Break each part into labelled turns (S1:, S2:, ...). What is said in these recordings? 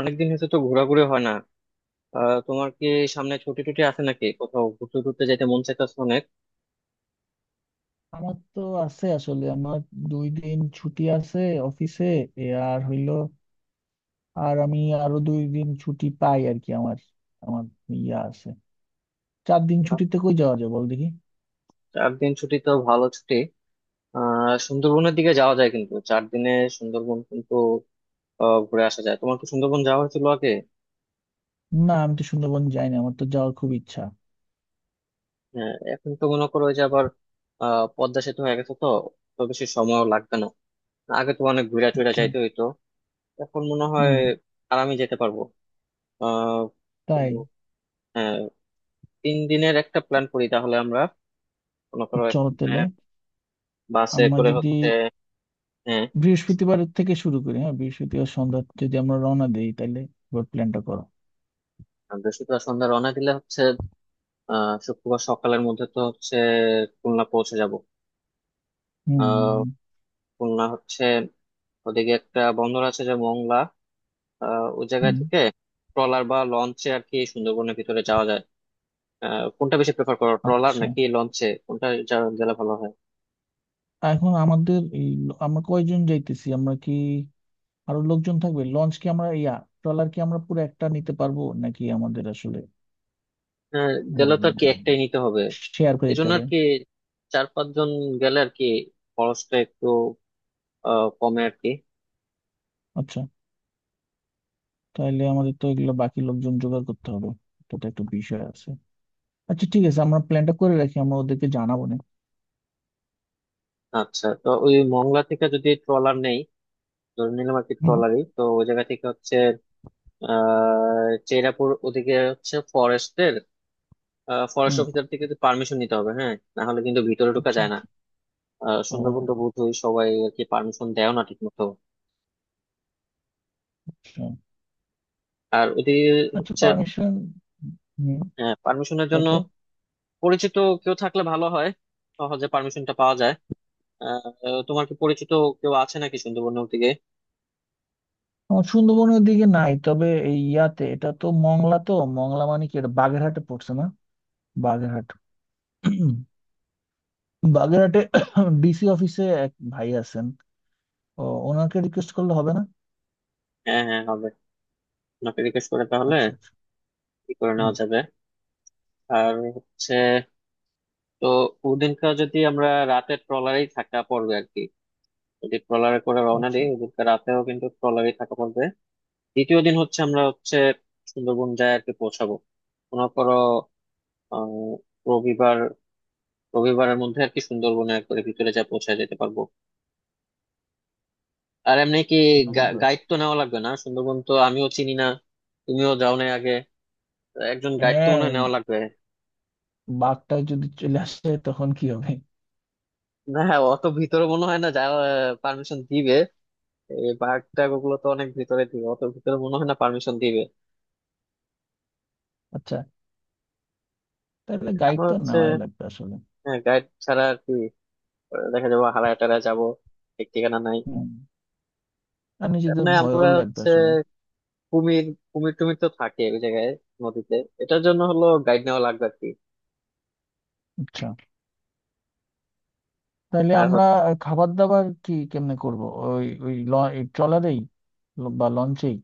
S1: অনেকদিন হয়েছে তো ঘোরাঘুরি হয় না। তোমার কি সামনে ছুটি টুটি আছে নাকি কোথাও ঘুরতে টুরতে যেতে মন চাইতেছে অনেক।
S2: আমার তো আছে আসলে আমার 2 দিন ছুটি আছে অফিসে এ আর হইলো আর আমি আরো 2 দিন ছুটি পাই আর কি আমার আমার ইয়া আছে। 4 দিন
S1: আহ,
S2: ছুটিতে কই যাওয়া যায় বল দেখি?
S1: 4 দিন ছুটি তো ভালো ছুটি। সুন্দরবনের দিকে যাওয়া যায় কিন্তু 4 দিনে সুন্দরবন কিন্তু ঘুরে আসা যায়। তোমার কি সুন্দরবন যাওয়া হয়েছিল আগে?
S2: না, আমি তো সুন্দরবন যাই না, আমার তো যাওয়ার খুব ইচ্ছা।
S1: হ্যাঁ, এখন তো মনে করো ওই যে আবার পদ্মা সেতু হয়ে গেছে তো, তো বেশি সময়ও লাগবে না। আগে তো অনেক ঘুরে টুরে
S2: আচ্ছা।
S1: যাইতে হইতো, এখন মনে হয়
S2: হুম।
S1: আরামে যেতে পারবো। আহ তো
S2: তাই।
S1: হ্যাঁ, 3 দিনের একটা প্ল্যান করি তাহলে আমরা। মনে করো
S2: চলো
S1: এখানে
S2: তাহলে
S1: বাসে
S2: আমরা
S1: করে
S2: যদি
S1: হচ্ছে। হ্যাঁ,
S2: বৃহস্পতিবার থেকে শুরু করি, হ্যাঁ বৃহস্পতিবার সন্ধ্যা যদি আমরা রওনা দেই তাহলে এবার প্ল্যানটা করো।
S1: আর বৃহস্পতিবার সন্ধ্যা রওনা দিলে হচ্ছে শুক্রবার সকালের মধ্যে তো হচ্ছে খুলনা পৌঁছে যাব।
S2: হুম
S1: আহ
S2: হুম।
S1: খুলনা হচ্ছে ওদিকে একটা বন্দর আছে যে মংলা, ওই জায়গা
S2: হুম হুম।
S1: থেকে ট্রলার বা লঞ্চে আর কি সুন্দরবনের ভিতরে যাওয়া যায়। কোনটা বেশি প্রেফার করো, ট্রলার
S2: আচ্ছা,
S1: নাকি লঞ্চে, কোনটা গেলে ভালো হয়?
S2: এখন আমাদের এই আমরা কয়জন যাইতেছি, আমরা কি আরো লোকজন থাকবে? লঞ্চ কি আমরা ইয়া ট্রলার কি আমরা পুরো একটা নিতে পারবো নাকি আমাদের আসলে
S1: হ্যাঁ, গেলে তো আর কি একটাই নিতে হবে।
S2: শেয়ার করে
S1: এই
S2: দিতে
S1: জন্য
S2: হবে?
S1: আর কি চার পাঁচজন গেলে আর কি খরচটা একটু কমে আর কি।
S2: আচ্ছা, তাহলে আমাদের তো এগুলো বাকি লোকজন জোগাড় করতে হবে, এটা তো একটা বিষয় আছে। আচ্ছা ঠিক আছে, আমরা প্ল্যানটা করে রাখি, আমরা ওদেরকে জানাবো না।
S1: আচ্ছা, তো ওই মংলা থেকে যদি ট্রলার নেই, ধরে নিলাম আর কি
S2: হুম
S1: ট্রলারই তো ওই জায়গা থেকে হচ্ছে। আহ চেরাপুর ওদিকে হচ্ছে ফরেস্টের, ফরেস্ট
S2: হুম।
S1: অফিসার থেকে পারমিশন নিতে হবে, হ্যাঁ না হলে কিন্তু ভিতরে ঢোকা
S2: আচ্ছা
S1: যায় না।
S2: আচ্ছা।
S1: সুন্দরবন তো
S2: ও,
S1: বোধহয় সবাই আর কি পারমিশন দেয় না ঠিক মতো।
S2: আচ্ছা।
S1: আর ওদিকে
S2: আচ্ছা
S1: হচ্ছে
S2: পারমিশন। হুম।
S1: পারমিশনের জন্য
S2: তারপর।
S1: পরিচিত কেউ থাকলে ভালো হয়, সহজে পারমিশনটা পাওয়া যায়। আহ, তোমার কি পরিচিত কেউ আছে নাকি সুন্দরবনের দিকে?
S2: আমার সুন্দরবনের দিকে নাই, তবে এই ইয়াতে এটা তো মংলা তো। মংলা মানে কি এটা বাগেরহাটে পড়ছে না? বাগেরহাট। বাগেরহাটে ডিসি অফিসে এক ভাই আছেন। ও, ওনাকে রিকোয়েস্ট করলে হবে না?
S1: হ্যাঁ হ্যাঁ হবে। আপনাকে জিজ্ঞেস করে তাহলে
S2: আচ্ছা আচ্ছা।
S1: কি করে
S2: হুম।
S1: নেওয়া যাবে। আর হচ্ছে তো ওদিনকার যদি আমরা রাতে ট্রলারেই থাকা পড়বে আর কি, যদি ট্রলারে করে রওনা
S2: আচ্ছা।
S1: দিই ওদিনকার রাতেও কিন্তু ট্রলারেই থাকা পড়বে। দ্বিতীয় দিন হচ্ছে আমরা হচ্ছে সুন্দরবন যায় আর কি পৌঁছাবো। মনে করো আহ রবিবার, রবিবারের মধ্যে আর কি সুন্দরবনে একবারে ভিতরে যা পৌঁছায় যেতে পারবো। আর এমনি কি
S2: রবির বার।
S1: গাইড তো নেওয়া লাগবে না? সুন্দরবন তো আমিও চিনি না, তুমিও যাও নাই আগে, একজন গাইড তো
S2: হ্যাঁ।
S1: মনে হয় নেওয়া লাগবে।
S2: বাঘটা যদি চলে আসে তখন কি হবে?
S1: না হ্যাঁ, অত ভিতরে মনে হয় না যাওয়া পারমিশন দিবে, এই পার্ক টার্ক ওগুলো তো অনেক ভিতরে দিবে, অত ভিতরে মনে হয় না পারমিশন দিবে।
S2: আচ্ছা, তাহলে গাইড
S1: আমরা
S2: তো
S1: হচ্ছে
S2: নেওয়াই লাগবে আসলে।
S1: গাইড ছাড়া আর কি দেখা যাবো হারায় টারায় যাবো, ঠিক ঠিকানা নাই।
S2: হুম। আর নিজেদের
S1: না
S2: ভয়ও
S1: আমরা
S2: লাগবে
S1: হচ্ছে
S2: আসলে।
S1: কুমির কুমির টুমির তো থাকে ওই জায়গায় নদীতে, এটার জন্য হলো গাইড নেওয়া লাগবে আর কি।
S2: আচ্ছা তাহলে
S1: আর
S2: আমরা
S1: হচ্ছে
S2: খাবার দাবার কি কেমনে করব? ওই ওই ল- এই ট্রলারেই বা লঞ্চেই?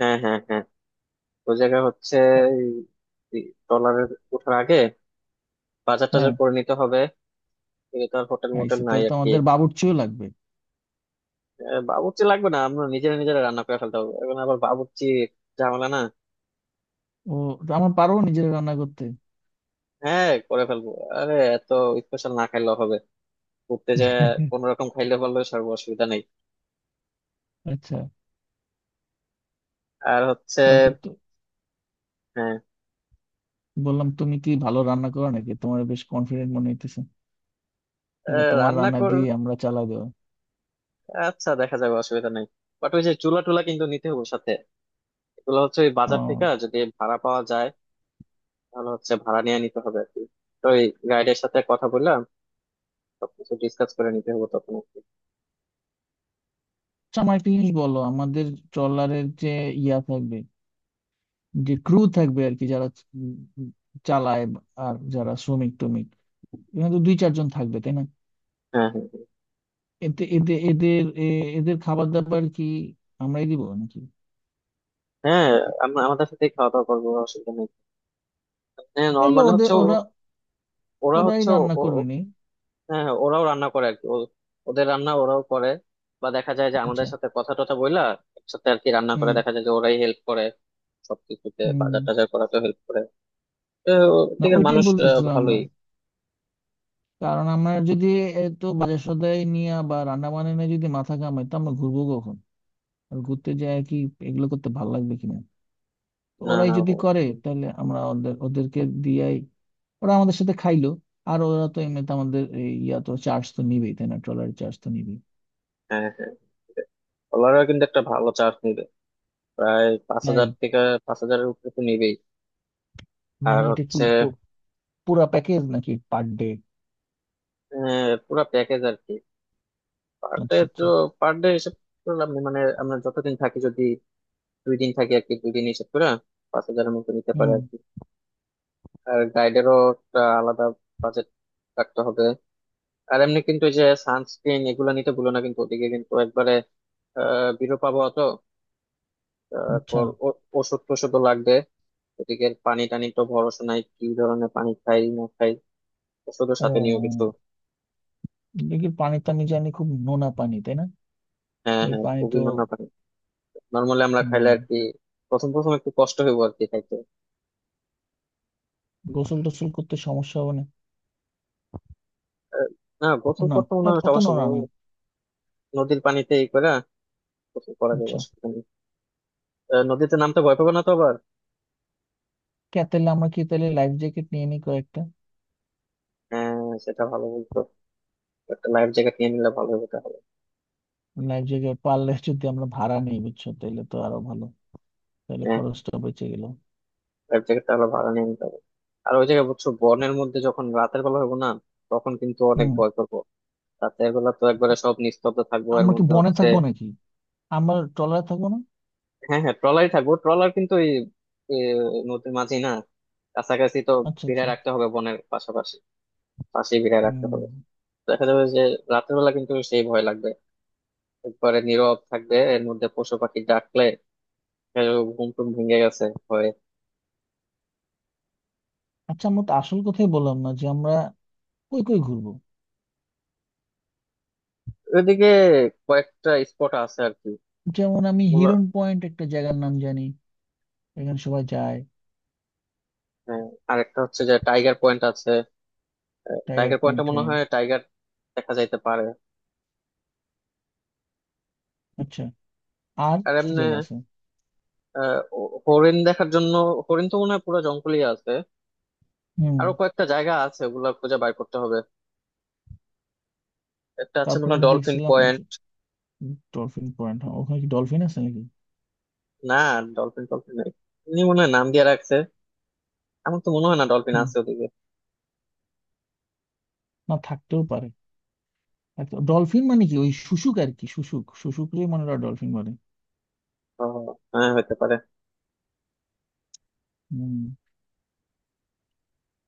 S1: হ্যাঁ হ্যাঁ হ্যাঁ, ওই জায়গায় হচ্ছে ট্রলারে ওঠার আগে বাজার টাজার
S2: হ্যাঁ।
S1: করে নিতে হবে, এগুলো তো আর হোটেল মোটেল
S2: আইসে
S1: নাই
S2: তাহলে তো
S1: আর কি।
S2: আমাদের বাবুর্চিও লাগবে।
S1: বাবুর্চি লাগবে না, আমরা নিজেরা নিজেরা রান্না করে ফেলতে হবে, এখন আবার বাবুর্চি ঝামেলা না।
S2: ও, আমরা পারবো নিজেরা রান্না করতে?
S1: হ্যাঁ করে ফেলবো, আরে এত স্পেশাল না খাইলেও হবে, ঘুরতে যায় কোন রকম খাইলে পারলেও সর্ব অসুবিধা নেই।
S2: আচ্ছা।
S1: আর হচ্ছে
S2: তারপর তো
S1: হ্যাঁ,
S2: বললাম তুমি কি ভালো রান্না করো নাকি, তোমার বেশ কনফিডেন্ট মনে হইতেছে, তাহলে তোমার
S1: রান্না
S2: রান্না
S1: কর
S2: দিয়ে আমরা চালা দেবো।
S1: আচ্ছা দেখা যাবে অসুবিধা নেই। বাট ওই যে চুলা টুলা কিন্তু নিতে হবে সাথে, এগুলো হচ্ছে ওই বাজার থেকে
S2: ও,
S1: যদি ভাড়া পাওয়া যায় তাহলে হচ্ছে ভাড়া নিয়ে নিতে হবে আর কি। তো ওই গাইডের সাথে কথা বললাম সবকিছু ডিসকাস করে নিতে হবে তখন আর কি।
S2: আচ্ছা। আমার একটা জিনিস বলো, আমাদের ট্রলারের যে ইয়া থাকবে, যে ক্রু থাকবে আর কি, যারা উম চালায় আর যারা শ্রমিক টমিক এখানে তো দুই চারজন থাকবে তাই না?
S1: হ্যাঁ হ্যাঁ
S2: এতে এদের এদের এ- এদের খাবার দাবার কি আমরাই দিব নাকি?
S1: হ্যাঁ, আমরা আমাদের সাথেই খাওয়া দাওয়া করবো, অসুবিধা নেই। হ্যাঁ
S2: তাইলে
S1: নর্মালি
S2: ওদের
S1: হচ্ছে
S2: ওরা
S1: ওরা
S2: ওরাই
S1: হচ্ছে,
S2: রান্না করবে নি?
S1: হ্যাঁ হ্যাঁ, ওরাও রান্না করে আর কি, ওদের রান্না ওরাও করে, বা দেখা যায় যে আমাদের
S2: আচ্ছা।
S1: সাথে কথা টথা বইলা একসাথে আর কি রান্না করে,
S2: হুম
S1: দেখা যায় যে ওরাই হেল্প করে সবকিছুতে,
S2: হুম।
S1: বাজার টাজার করাতে হেল্প করে। তো
S2: না,
S1: ঠিক
S2: ওইটাই
S1: মানুষ
S2: বলতেছিলাম। আমরা,
S1: ভালোই।
S2: কারণ আমরা যদি এত বাজার সদাই নিয়ে বা রান্না বান্না নিয়ে যদি মাথা ঘামাই তো আমরা ঘুরবো কখন? আর ঘুরতে যায় কি এগুলো করতে ভালো লাগবে কিনা। তো
S1: না
S2: ওরাই
S1: না
S2: যদি করে
S1: ভালো,
S2: তাহলে আমরা ওদেরকে দিয়াই ওরা আমাদের সাথে খাইলো। আর ওরা তো এমনিতে আমাদের এই ইয়া তো চার্জ তো নিবেই তাই না, ট্রলারের চার্জ তো নিবেই।
S1: হ্যাঁ হ্যাঁ, ডলারও কিন্তু একটা ভালো চার্জ নিবে, প্রায় পাঁচ
S2: তাই
S1: হাজার থেকে 5 হাজারের উপরে তো নিবেই। আর
S2: মানে এটা কি
S1: হচ্ছে
S2: পুরা প্যাকেজ নাকি পার ডে?
S1: পুরো প্যাকেজ আর কি, পার ডে
S2: আচ্ছা
S1: তো
S2: আচ্ছা।
S1: পার ডে হিসেব করলাম মানে আমরা যতদিন থাকি, যদি 2 দিন থাকি আর কি 2 দিন হিসেব করে 5 হাজারের মতো নিতে পারে
S2: হুম।
S1: আর কি। আর গাইডেরও একটা আলাদা বাজেট রাখতে হবে। আর এমনি কিন্তু এই যে সানস্ক্রিন এগুলো নিতে ভুলো না, কিন্তু ওদিকে কিন্তু একবারে বিরো পাবো তো।
S2: আচ্ছা।
S1: তারপর ওষুধ টষুধও লাগবে, ওদিকে পানি টানি তো ভরসা নাই, কি ধরনের পানি খাই না খাই, ওষুধের সাথে নিয়েও কিছু।
S2: ও, দেখি পানি তো আমি জানি খুব নোনা পানি তাই না?
S1: হ্যাঁ
S2: এই
S1: হ্যাঁ,
S2: পানি
S1: খুবই
S2: তো
S1: নোনা পানি নর্মালি আমরা খাইলে আর
S2: হম।
S1: কি প্রথম প্রথম একটু কষ্ট হইব আর কি খাইতে।
S2: গোসল টোসল করতে সমস্যা হবে না?
S1: আহ, না, গোসল
S2: না,
S1: করতে মনে হয়
S2: অত
S1: সমস্যা
S2: নোংরা
S1: হবে
S2: না।
S1: না। নদীর পানিতে এই করে গোসল করা যায়,
S2: আচ্ছা,
S1: অসুবিধা নেই। নদীতে নামতে ভয় পাবে না তো আবার?
S2: কে তাহলে, আমরা কি তাহলে লাইফ জ্যাকেট নিয়ে নিই কয়েকটা?
S1: হ্যাঁ, সেটা ভালো বলতো, একটা লাইফ জ্যাকেট নিয়ে নিলে ভালো হবে তাহলে।
S2: লাইফ জ্যাকেট পারলে যদি আমরা ভাড়া নিই বুঝছো, তাহলে তো আরো ভালো, তাহলে
S1: হ্যাঁ,
S2: খরচটা বেঁচে গেল।
S1: লাইফ জ্যাকেট তাহলে ভাড়া নিয়ে নিতে হবে। আর ওই জায়গায় বুঝছো বনের মধ্যে যখন রাতের বেলা হবো না তখন কিন্তু অনেক
S2: হুম।
S1: ভয় করবো। রাতের বেলা তো একবারে সব নিস্তব্ধ থাকবো এর
S2: আমরা কি
S1: মধ্যে
S2: বনে
S1: হচ্ছে
S2: থাকবো নাকি, আমরা ট্রলারে থাকবো না?
S1: হ্যাঁ হ্যাঁ, ট্রলারই থাকবো, ট্রলার কিন্তু এই এ, নদীর মাঝেই না, কাছাকাছি তো
S2: আচ্ছা আচ্ছা।
S1: ভিড়ায় রাখতে হবে বনের পাশাপাশি, পাশেই ভিড়ায় রাখতে
S2: হুম।
S1: হবে। দেখা যাবে যে রাতের বেলা কিন্তু সেই ভয় লাগবে, একবারে নীরব থাকবে এর মধ্যে পশু পাখি ডাকলে এ, ঘুম টুম ভেঙে গেছে ভয়ে।
S2: আচ্ছা আমরা তো আসল কথাই বললাম না যে আমরা কই কই ঘুরবো।
S1: ওইদিকে কয়েকটা স্পট আছে আর
S2: যেমন আমি
S1: কি,
S2: হিরন পয়েন্ট একটা জায়গার নাম জানি, এখানে সবাই যায়।
S1: হ্যাঁ, আরেকটা হচ্ছে যে টাইগার পয়েন্ট আছে,
S2: টাইগার
S1: টাইগার পয়েন্টে
S2: পয়েন্ট,
S1: মনে
S2: হ্যাঁ।
S1: হয় টাইগার দেখা যাইতে পারে।
S2: আচ্ছা, আর
S1: আর
S2: কি
S1: এমনি
S2: জায়গা আছে?
S1: হরিণ দেখার জন্য হরিণ তো মনে হয় পুরো জঙ্গলই আছে।
S2: হুম।
S1: আরো কয়েকটা জায়গা আছে, ওগুলা খুঁজে বাইর করতে হবে, একটা আছে
S2: তারপর
S1: মনে হয়
S2: আমি
S1: ডলফিন
S2: দেখছিলাম যে
S1: পয়েন্ট।
S2: ডলফিন পয়েন্ট, ওখানে কি ডলফিন আছে নাকি?
S1: না ডলফিন ডলফিন নেই, এমনি মনে হয় নাম দিয়ে রাখছে, আমার তো মনে হয় না ডলফিন
S2: হুম,
S1: আছে ওদিকে।
S2: না থাকতেও পারে। ডলফিন মানে কি ওই শুশুক আর কি, শুশুককে মনে হয় ডলফিন বলে।
S1: ও, হ্যাঁ হতে পারে।
S2: হুম,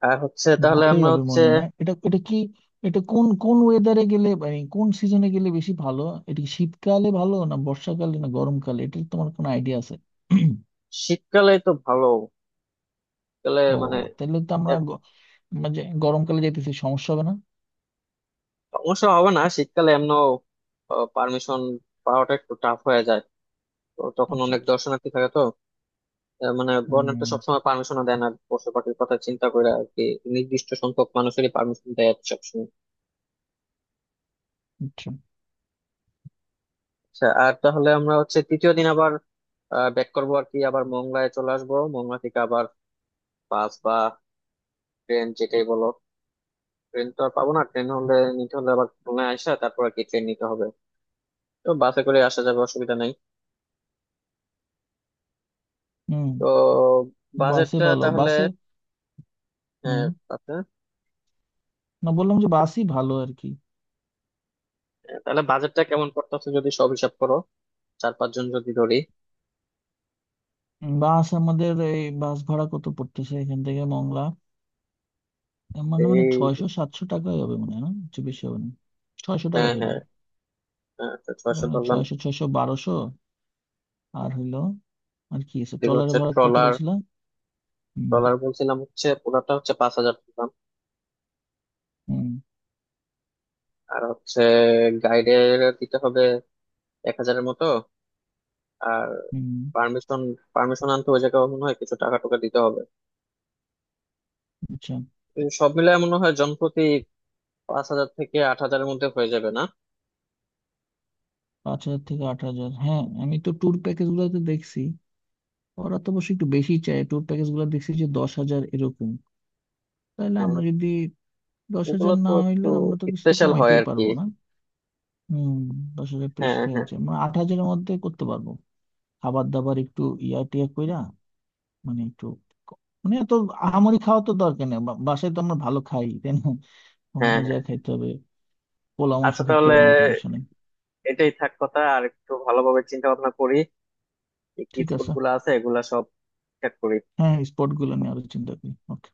S1: আর হচ্ছে তাহলে
S2: ভালোই
S1: আমরা
S2: হবে
S1: হচ্ছে
S2: মনে। না, এটা এটা কি, এটা কোন কোন ওয়েদারে গেলে, মানে কোন সিজনে গেলে বেশি ভালো, এটা কি শীতকালে ভালো না বর্ষাকালে না গরমকালে, এটার তোমার কোনো আইডিয়া আছে?
S1: শীতকালে তো ভালো, শীতকালে
S2: ও,
S1: মানে
S2: তাহলে তো
S1: এ,
S2: আমরা মানে গরমকালে যেতেছি সমস্যা হবে না?
S1: সমস্যা হবে না, শীতকালে এমন পারমিশন পাওয়াটা একটু টাফ হয়ে যায়, তো তখন
S2: আচ্ছা
S1: অনেক
S2: আচ্ছা।
S1: দর্শনার্থী থাকে তো। মানে বন্যাটা
S2: হুম।
S1: সবসময় পারমিশনও দেয় না পশু পাখির কথা চিন্তা করে আর কি, নির্দিষ্ট সংখ্যক মানুষেরই পারমিশন দেয় আর কি সবসময়।
S2: আচ্ছা।
S1: আচ্ছা, আর তাহলে আমরা হচ্ছে তৃতীয় দিন আবার ব্যাক করবো আর কি, আবার মংলায় চলে আসবো, মংলা থেকে আবার বাস বা ট্রেন যেটাই বলো। ট্রেন তো আর পাবো না, ট্রেন হলে নিতে হলে আবার খুলনায় আসা, তারপর আর কি ট্রেন নিতে হবে, তো বাসে করে আসা যাবে অসুবিধা নেই।
S2: হুম।
S1: তো
S2: বাসে
S1: বাজেটটা
S2: ভালো,
S1: তাহলে
S2: বাসে।
S1: আহ,
S2: হুম।
S1: আচ্ছা,
S2: না বললাম যে বাসই ভালো আর কি।
S1: তাহলে বাজেটটা কেমন পড়তেছে যদি সব হিসাব করো, চার পাঁচজন যদি ধরি।
S2: বাস আমাদের এই বাস ভাড়া কত পড়তেছে এখান থেকে মংলা? এর মানে মানে
S1: এই
S2: 600-700 টাকাই হবে মনে হয়, না কিছু বেশি হবে না। ছয়শো টাকা
S1: হ্যাঁ
S2: ধরি।
S1: হ্যাঁ, হ্যাঁ তো 600 ধরলাম।
S2: 600 ছয়শো বারোশো। আর হইলো আর কি আছে,
S1: এদিকে হচ্ছে
S2: ট্রলারের ভাড়া কত
S1: ট্রলার,
S2: বলছিলাম। হুম।
S1: ট্রলার বলছিলাম হচ্ছে পুরাটা হচ্ছে 5 হাজার ধরলাম।
S2: হুম।
S1: আর হচ্ছে গাইডের দিতে হবে 1 হাজারের মতো। আর
S2: হুম।
S1: পারমিশন পারমিশন আনতে ওই জায়গায় মনে হয় কিছু টাকা টুকা দিতে হবে।
S2: আচ্ছা।
S1: এই সব মিলে মনে হয় জনপ্রতি 5 হাজার থেকে 8 হাজারের মধ্যে হয়ে যাবে না?
S2: 5,000 থেকে 8,000, হ্যাঁ আমি তো ট্যুর প্যাকেজ গুলোতে দেখছি, ওরা তো অবশ্যই একটু বেশি চায়। ট্যুর প্যাকেজ গুলো দেখছি যে 10,000 এরকম। তাহলে
S1: হ্যাঁ,
S2: আমরা যদি দশ
S1: এগুলো
S2: হাজার
S1: তো
S2: না হইলে
S1: একটু
S2: আমরা তো কিছু তো
S1: স্পেশাল হয়
S2: কমাইতেই
S1: আর কি।
S2: পারবো না। হম। 10,000
S1: হ্যাঁ
S2: প্রেশারে
S1: হ্যাঁ
S2: আছে, মানে 8,000-এর মধ্যে করতে পারবো। খাবার দাবার একটু ইয়া টিয়া কইরা, মানে একটু, মানে এত আহামরি খাওয়া তো দরকার নেই। বাসায় তো আমরা ভালো খাই তাই না,
S1: হ্যাঁ
S2: ওখানে যা
S1: হ্যাঁ।
S2: খাইতে হবে পোলা মাংস
S1: আচ্ছা
S2: খাইতে
S1: তাহলে
S2: হবে এমন তো বিষয় নেই।
S1: এটাই থাক কথা, আর একটু ভালোভাবে চিন্তা ভাবনা করি, কি
S2: ঠিক
S1: স্কুল
S2: আছে।
S1: গুলো আছে এগুলা সব ঠিক করি।
S2: হ্যাঁ স্পট গুলো নিয়ে আরো চিন্তা করি, ওকে।